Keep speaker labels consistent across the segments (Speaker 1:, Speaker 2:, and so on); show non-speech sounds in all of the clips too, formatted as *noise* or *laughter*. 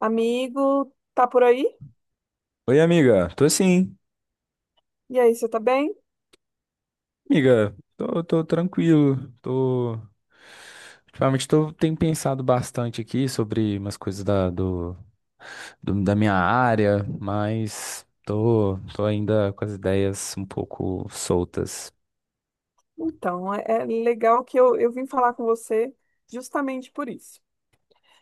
Speaker 1: Amigo, tá por aí?
Speaker 2: Oi, amiga. Tô sim,
Speaker 1: E aí, você tá bem?
Speaker 2: amiga. Tô tranquilo. Tô. Ultimamente tô, tenho pensado bastante aqui sobre umas coisas da minha área, mas tô ainda com as ideias um pouco soltas.
Speaker 1: Então, é legal que eu vim falar com você justamente por isso.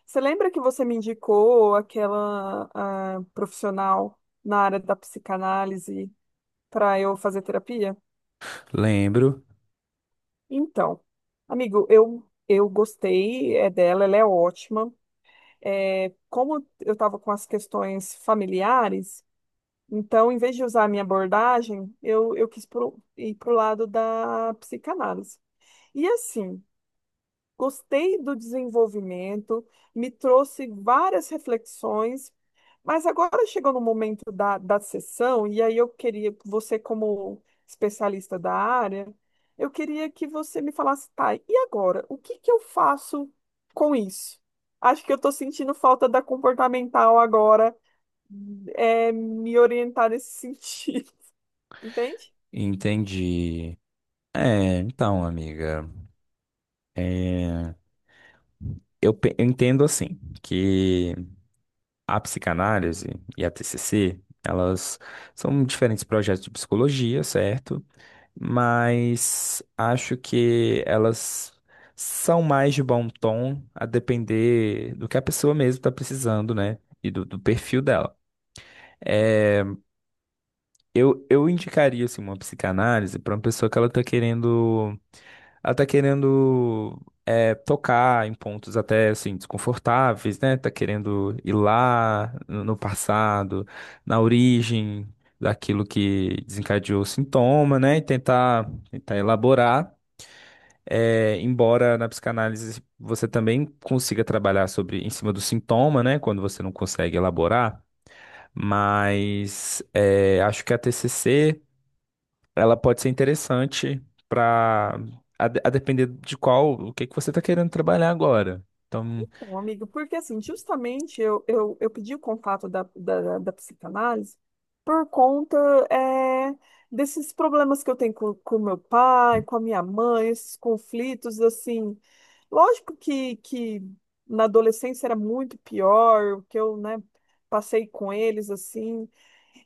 Speaker 1: Você lembra que você me indicou aquela profissional na área da psicanálise para eu fazer terapia?
Speaker 2: Lembro,
Speaker 1: Então, amigo, eu gostei é dela, ela é ótima. É, como eu estava com as questões familiares, então, em vez de usar a minha abordagem, eu ir para o lado da psicanálise. E assim, gostei do desenvolvimento, me trouxe várias reflexões, mas agora chegou no momento da sessão, e aí eu queria, você como especialista da área, eu queria que você me falasse, tá, e agora? O que que eu faço com isso? Acho que eu estou sentindo falta da comportamental agora, é, me orientar nesse sentido, *laughs* entende?
Speaker 2: entendi. Então, amiga. é, eu entendo assim que a psicanálise e a TCC, elas são diferentes projetos de psicologia, certo? Mas acho que elas são mais de bom tom, a depender do que a pessoa mesmo está precisando, né? E do perfil dela. É, eu indicaria assim, uma psicanálise para uma pessoa que ela tá querendo. Ela tá querendo é, tocar em pontos até assim, desconfortáveis, né? Tá querendo ir lá no passado, na origem daquilo que desencadeou o sintoma, né? E tentar elaborar. É, embora na psicanálise você também consiga trabalhar sobre em cima do sintoma, né, quando você não consegue elaborar, mas é, acho que a TCC ela pode ser interessante para a depender de qual o que que você está querendo trabalhar agora. Então,
Speaker 1: Então, amigo, porque assim, justamente eu pedi o contato da psicanálise por conta é, desses problemas que eu tenho com meu pai, com a minha mãe, esses conflitos, assim. Lógico que na adolescência era muito pior o que eu, né, passei com eles, assim.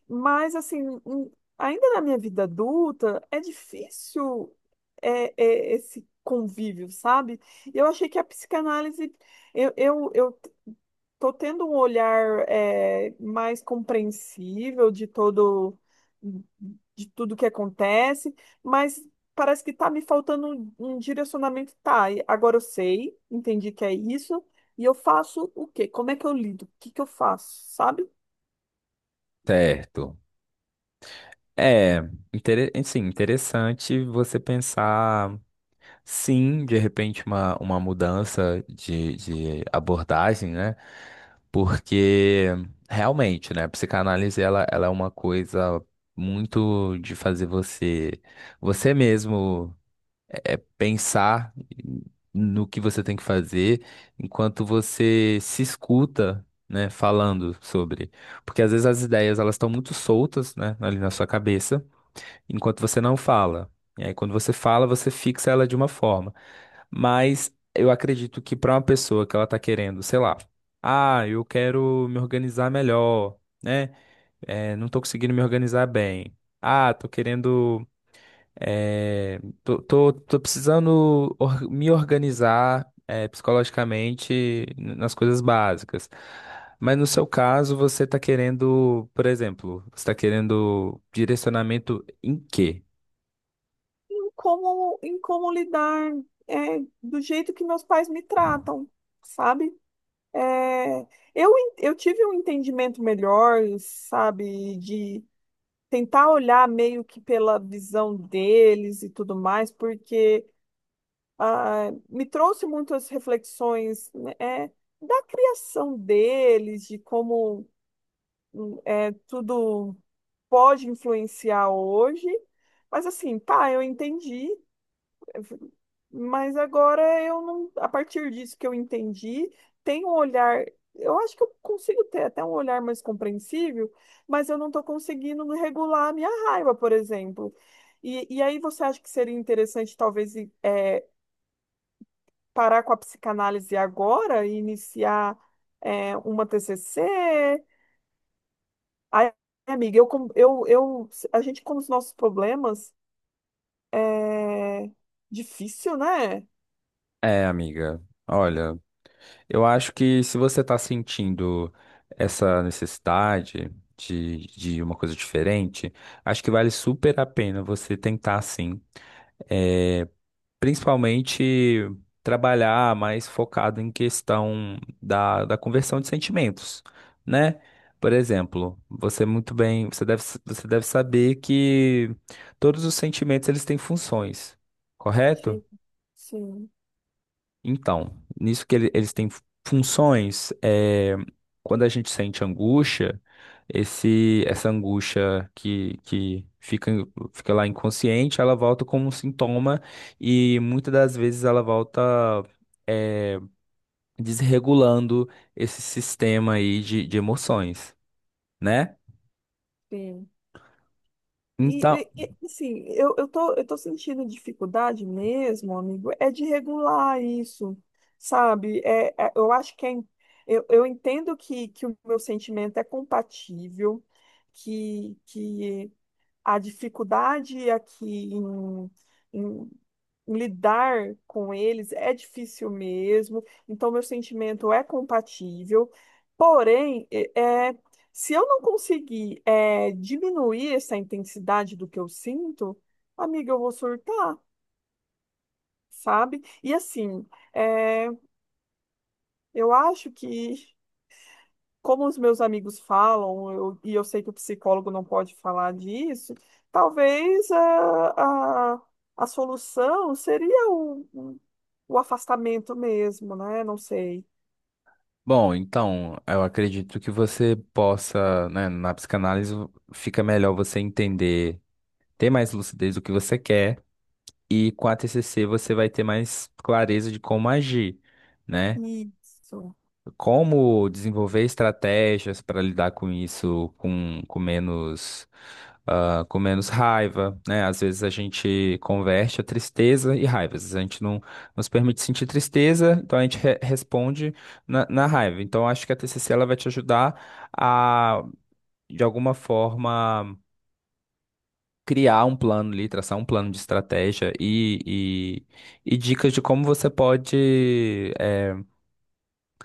Speaker 1: Mas, assim, em- ainda na minha vida adulta, é difícil esse convívio, sabe? Eu achei que a psicanálise, eu tô tendo um olhar é, mais compreensível de todo, de tudo que acontece, mas parece que tá me faltando um direcionamento. Tá, e agora eu sei, entendi que é isso, e eu faço o quê? Como é que eu lido? O que que eu faço, sabe?
Speaker 2: certo. é, sim, interessante você pensar. Sim, de repente uma mudança de abordagem, né? Porque realmente, né, a psicanálise ela é uma coisa muito de fazer você mesmo é, pensar no que você tem que fazer enquanto você se escuta, né, falando sobre. Porque às vezes as ideias elas estão muito soltas, né, ali na sua cabeça enquanto você não fala. E aí, quando você fala, você fixa ela de uma forma. Mas eu acredito que para uma pessoa que ela tá querendo, sei lá, ah, eu quero me organizar melhor, né? É, não tô conseguindo me organizar bem. Ah, tô querendo. Tô precisando me organizar, é, psicologicamente nas coisas básicas. Mas no seu caso, você está querendo, por exemplo, você tá querendo direcionamento em quê?
Speaker 1: Em como, em como lidar é, do jeito que meus pais me tratam, sabe? É, eu, eu tive um entendimento melhor, sabe, de tentar olhar meio que pela visão deles e tudo mais, porque me trouxe muitas reflexões né, é, da criação deles, de como é, tudo pode influenciar hoje. Mas assim, tá, eu entendi. Mas agora eu não, a partir disso que eu entendi, tem um olhar, eu acho que eu consigo ter até um olhar mais compreensível, mas eu não estou conseguindo regular a minha raiva, por exemplo. E aí você acha que seria interessante talvez parar com a psicanálise agora e iniciar uma TCC? Aí, amiga, eu, com- eu, a gente com os nossos problemas é difícil, né?
Speaker 2: É, amiga. Olha, eu acho que se você tá sentindo essa necessidade de uma coisa diferente, acho que vale super a pena você tentar sim. É, principalmente trabalhar mais focado em questão da conversão de sentimentos, né? Por exemplo, você muito bem, você deve saber que todos os sentimentos eles têm funções, correto?
Speaker 1: Sim. Sim.
Speaker 2: Então, nisso que eles têm funções, é, quando a gente sente angústia, essa angústia que fica, fica lá inconsciente, ela volta como um sintoma e muitas das vezes ela volta, é, desregulando esse sistema aí de emoções, né?
Speaker 1: Sim. E,
Speaker 2: Então,
Speaker 1: assim, eu tô sentindo dificuldade mesmo, amigo, é de regular isso, sabe? Eu acho que eu entendo que o meu sentimento é compatível, que a dificuldade aqui em, em lidar com eles é difícil mesmo, então meu sentimento é compatível, porém, se eu não conseguir é, diminuir essa intensidade do que eu sinto, amiga, eu vou surtar, sabe? E assim, é, eu acho que como os meus amigos falam, eu sei que o psicólogo não pode falar disso, talvez a solução seria o afastamento mesmo, né? Não sei.
Speaker 2: bom, então, eu acredito que você possa, né, na psicanálise fica melhor você entender, ter mais lucidez do que você quer. E com a TCC você vai ter mais clareza de como agir, né?
Speaker 1: Isso.
Speaker 2: Como desenvolver estratégias para lidar com isso com menos, ah, com menos raiva, né? Às vezes a gente converte a tristeza e raiva. Às vezes a gente não nos permite sentir tristeza, então a gente responde na raiva. Então acho que a TCC ela vai te ajudar a, de alguma forma, criar um plano ali, traçar um plano de estratégia e dicas de como você pode eh,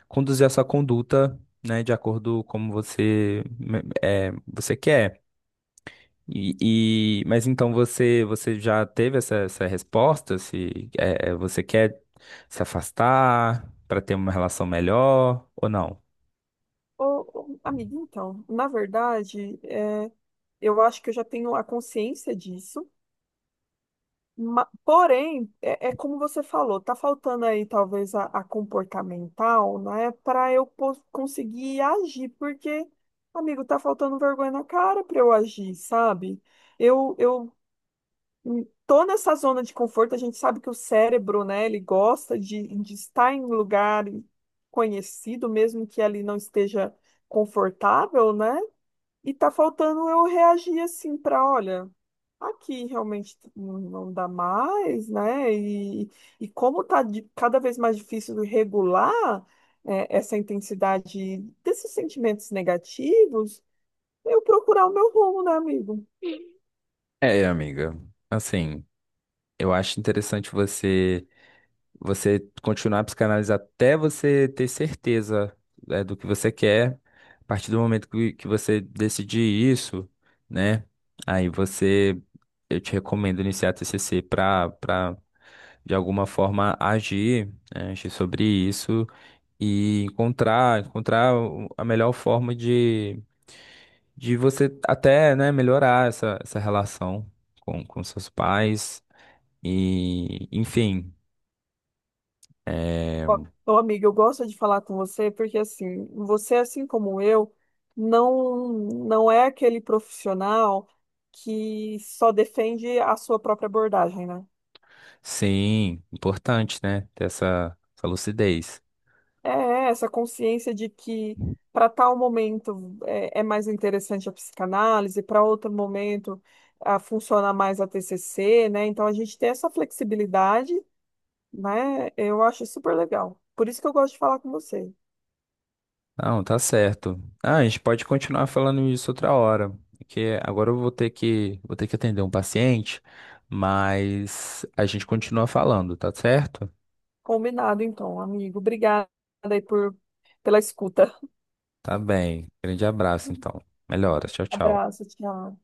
Speaker 2: conduzir a sua conduta, né, de acordo com como você, eh, você quer. E, mas então você, você já teve essa resposta? Se eh, você quer se afastar para ter uma relação melhor ou não?
Speaker 1: Ô, amiga, então, na verdade, é, eu acho que eu já tenho a consciência disso. Porém, é, é como você falou, tá faltando aí talvez a comportamental, né, para eu conseguir agir, porque, amigo, tá faltando vergonha na cara para eu agir, sabe? Eu tô nessa zona de conforto, a gente sabe que o cérebro, né, ele gosta de estar em lugar conhecido, mesmo que ali não esteja confortável, né? E tá faltando eu reagir assim para, olha, aqui realmente não dá mais, né? E como tá cada vez mais difícil regular é, essa intensidade desses sentimentos negativos, eu procurar o meu rumo, né, amigo?
Speaker 2: É, amiga, assim, eu acho interessante você. Você continuar a psicanálise até você ter certeza, né, do que você quer. A partir do momento que você decidir isso, né? Aí você, eu te recomendo iniciar a TCC para para de alguma forma agir, né, agir sobre isso e encontrar a melhor forma de você até, né, melhorar essa relação com seus pais e enfim, é,
Speaker 1: Ó, Ô, amiga, eu gosto de falar com você porque assim, você assim como eu, não é aquele profissional que só defende a sua própria abordagem, né?
Speaker 2: sim, importante, né? Ter essa lucidez.
Speaker 1: Essa consciência de que para tal momento é mais interessante a psicanálise, para outro momento a, funciona mais a TCC, né? Então a gente tem essa flexibilidade, né? Eu acho super legal. Por isso que eu gosto de falar com você.
Speaker 2: Não, tá certo. Ah, a gente pode continuar falando isso outra hora, porque agora eu vou ter que vou ter que atender um paciente, mas a gente continua falando, tá certo?
Speaker 1: Combinado, então, amigo. Obrigada aí por, pela escuta.
Speaker 2: Tá bem. Grande abraço,
Speaker 1: *laughs*
Speaker 2: então. Melhoras. Tchau, tchau.
Speaker 1: Abraço, tchau.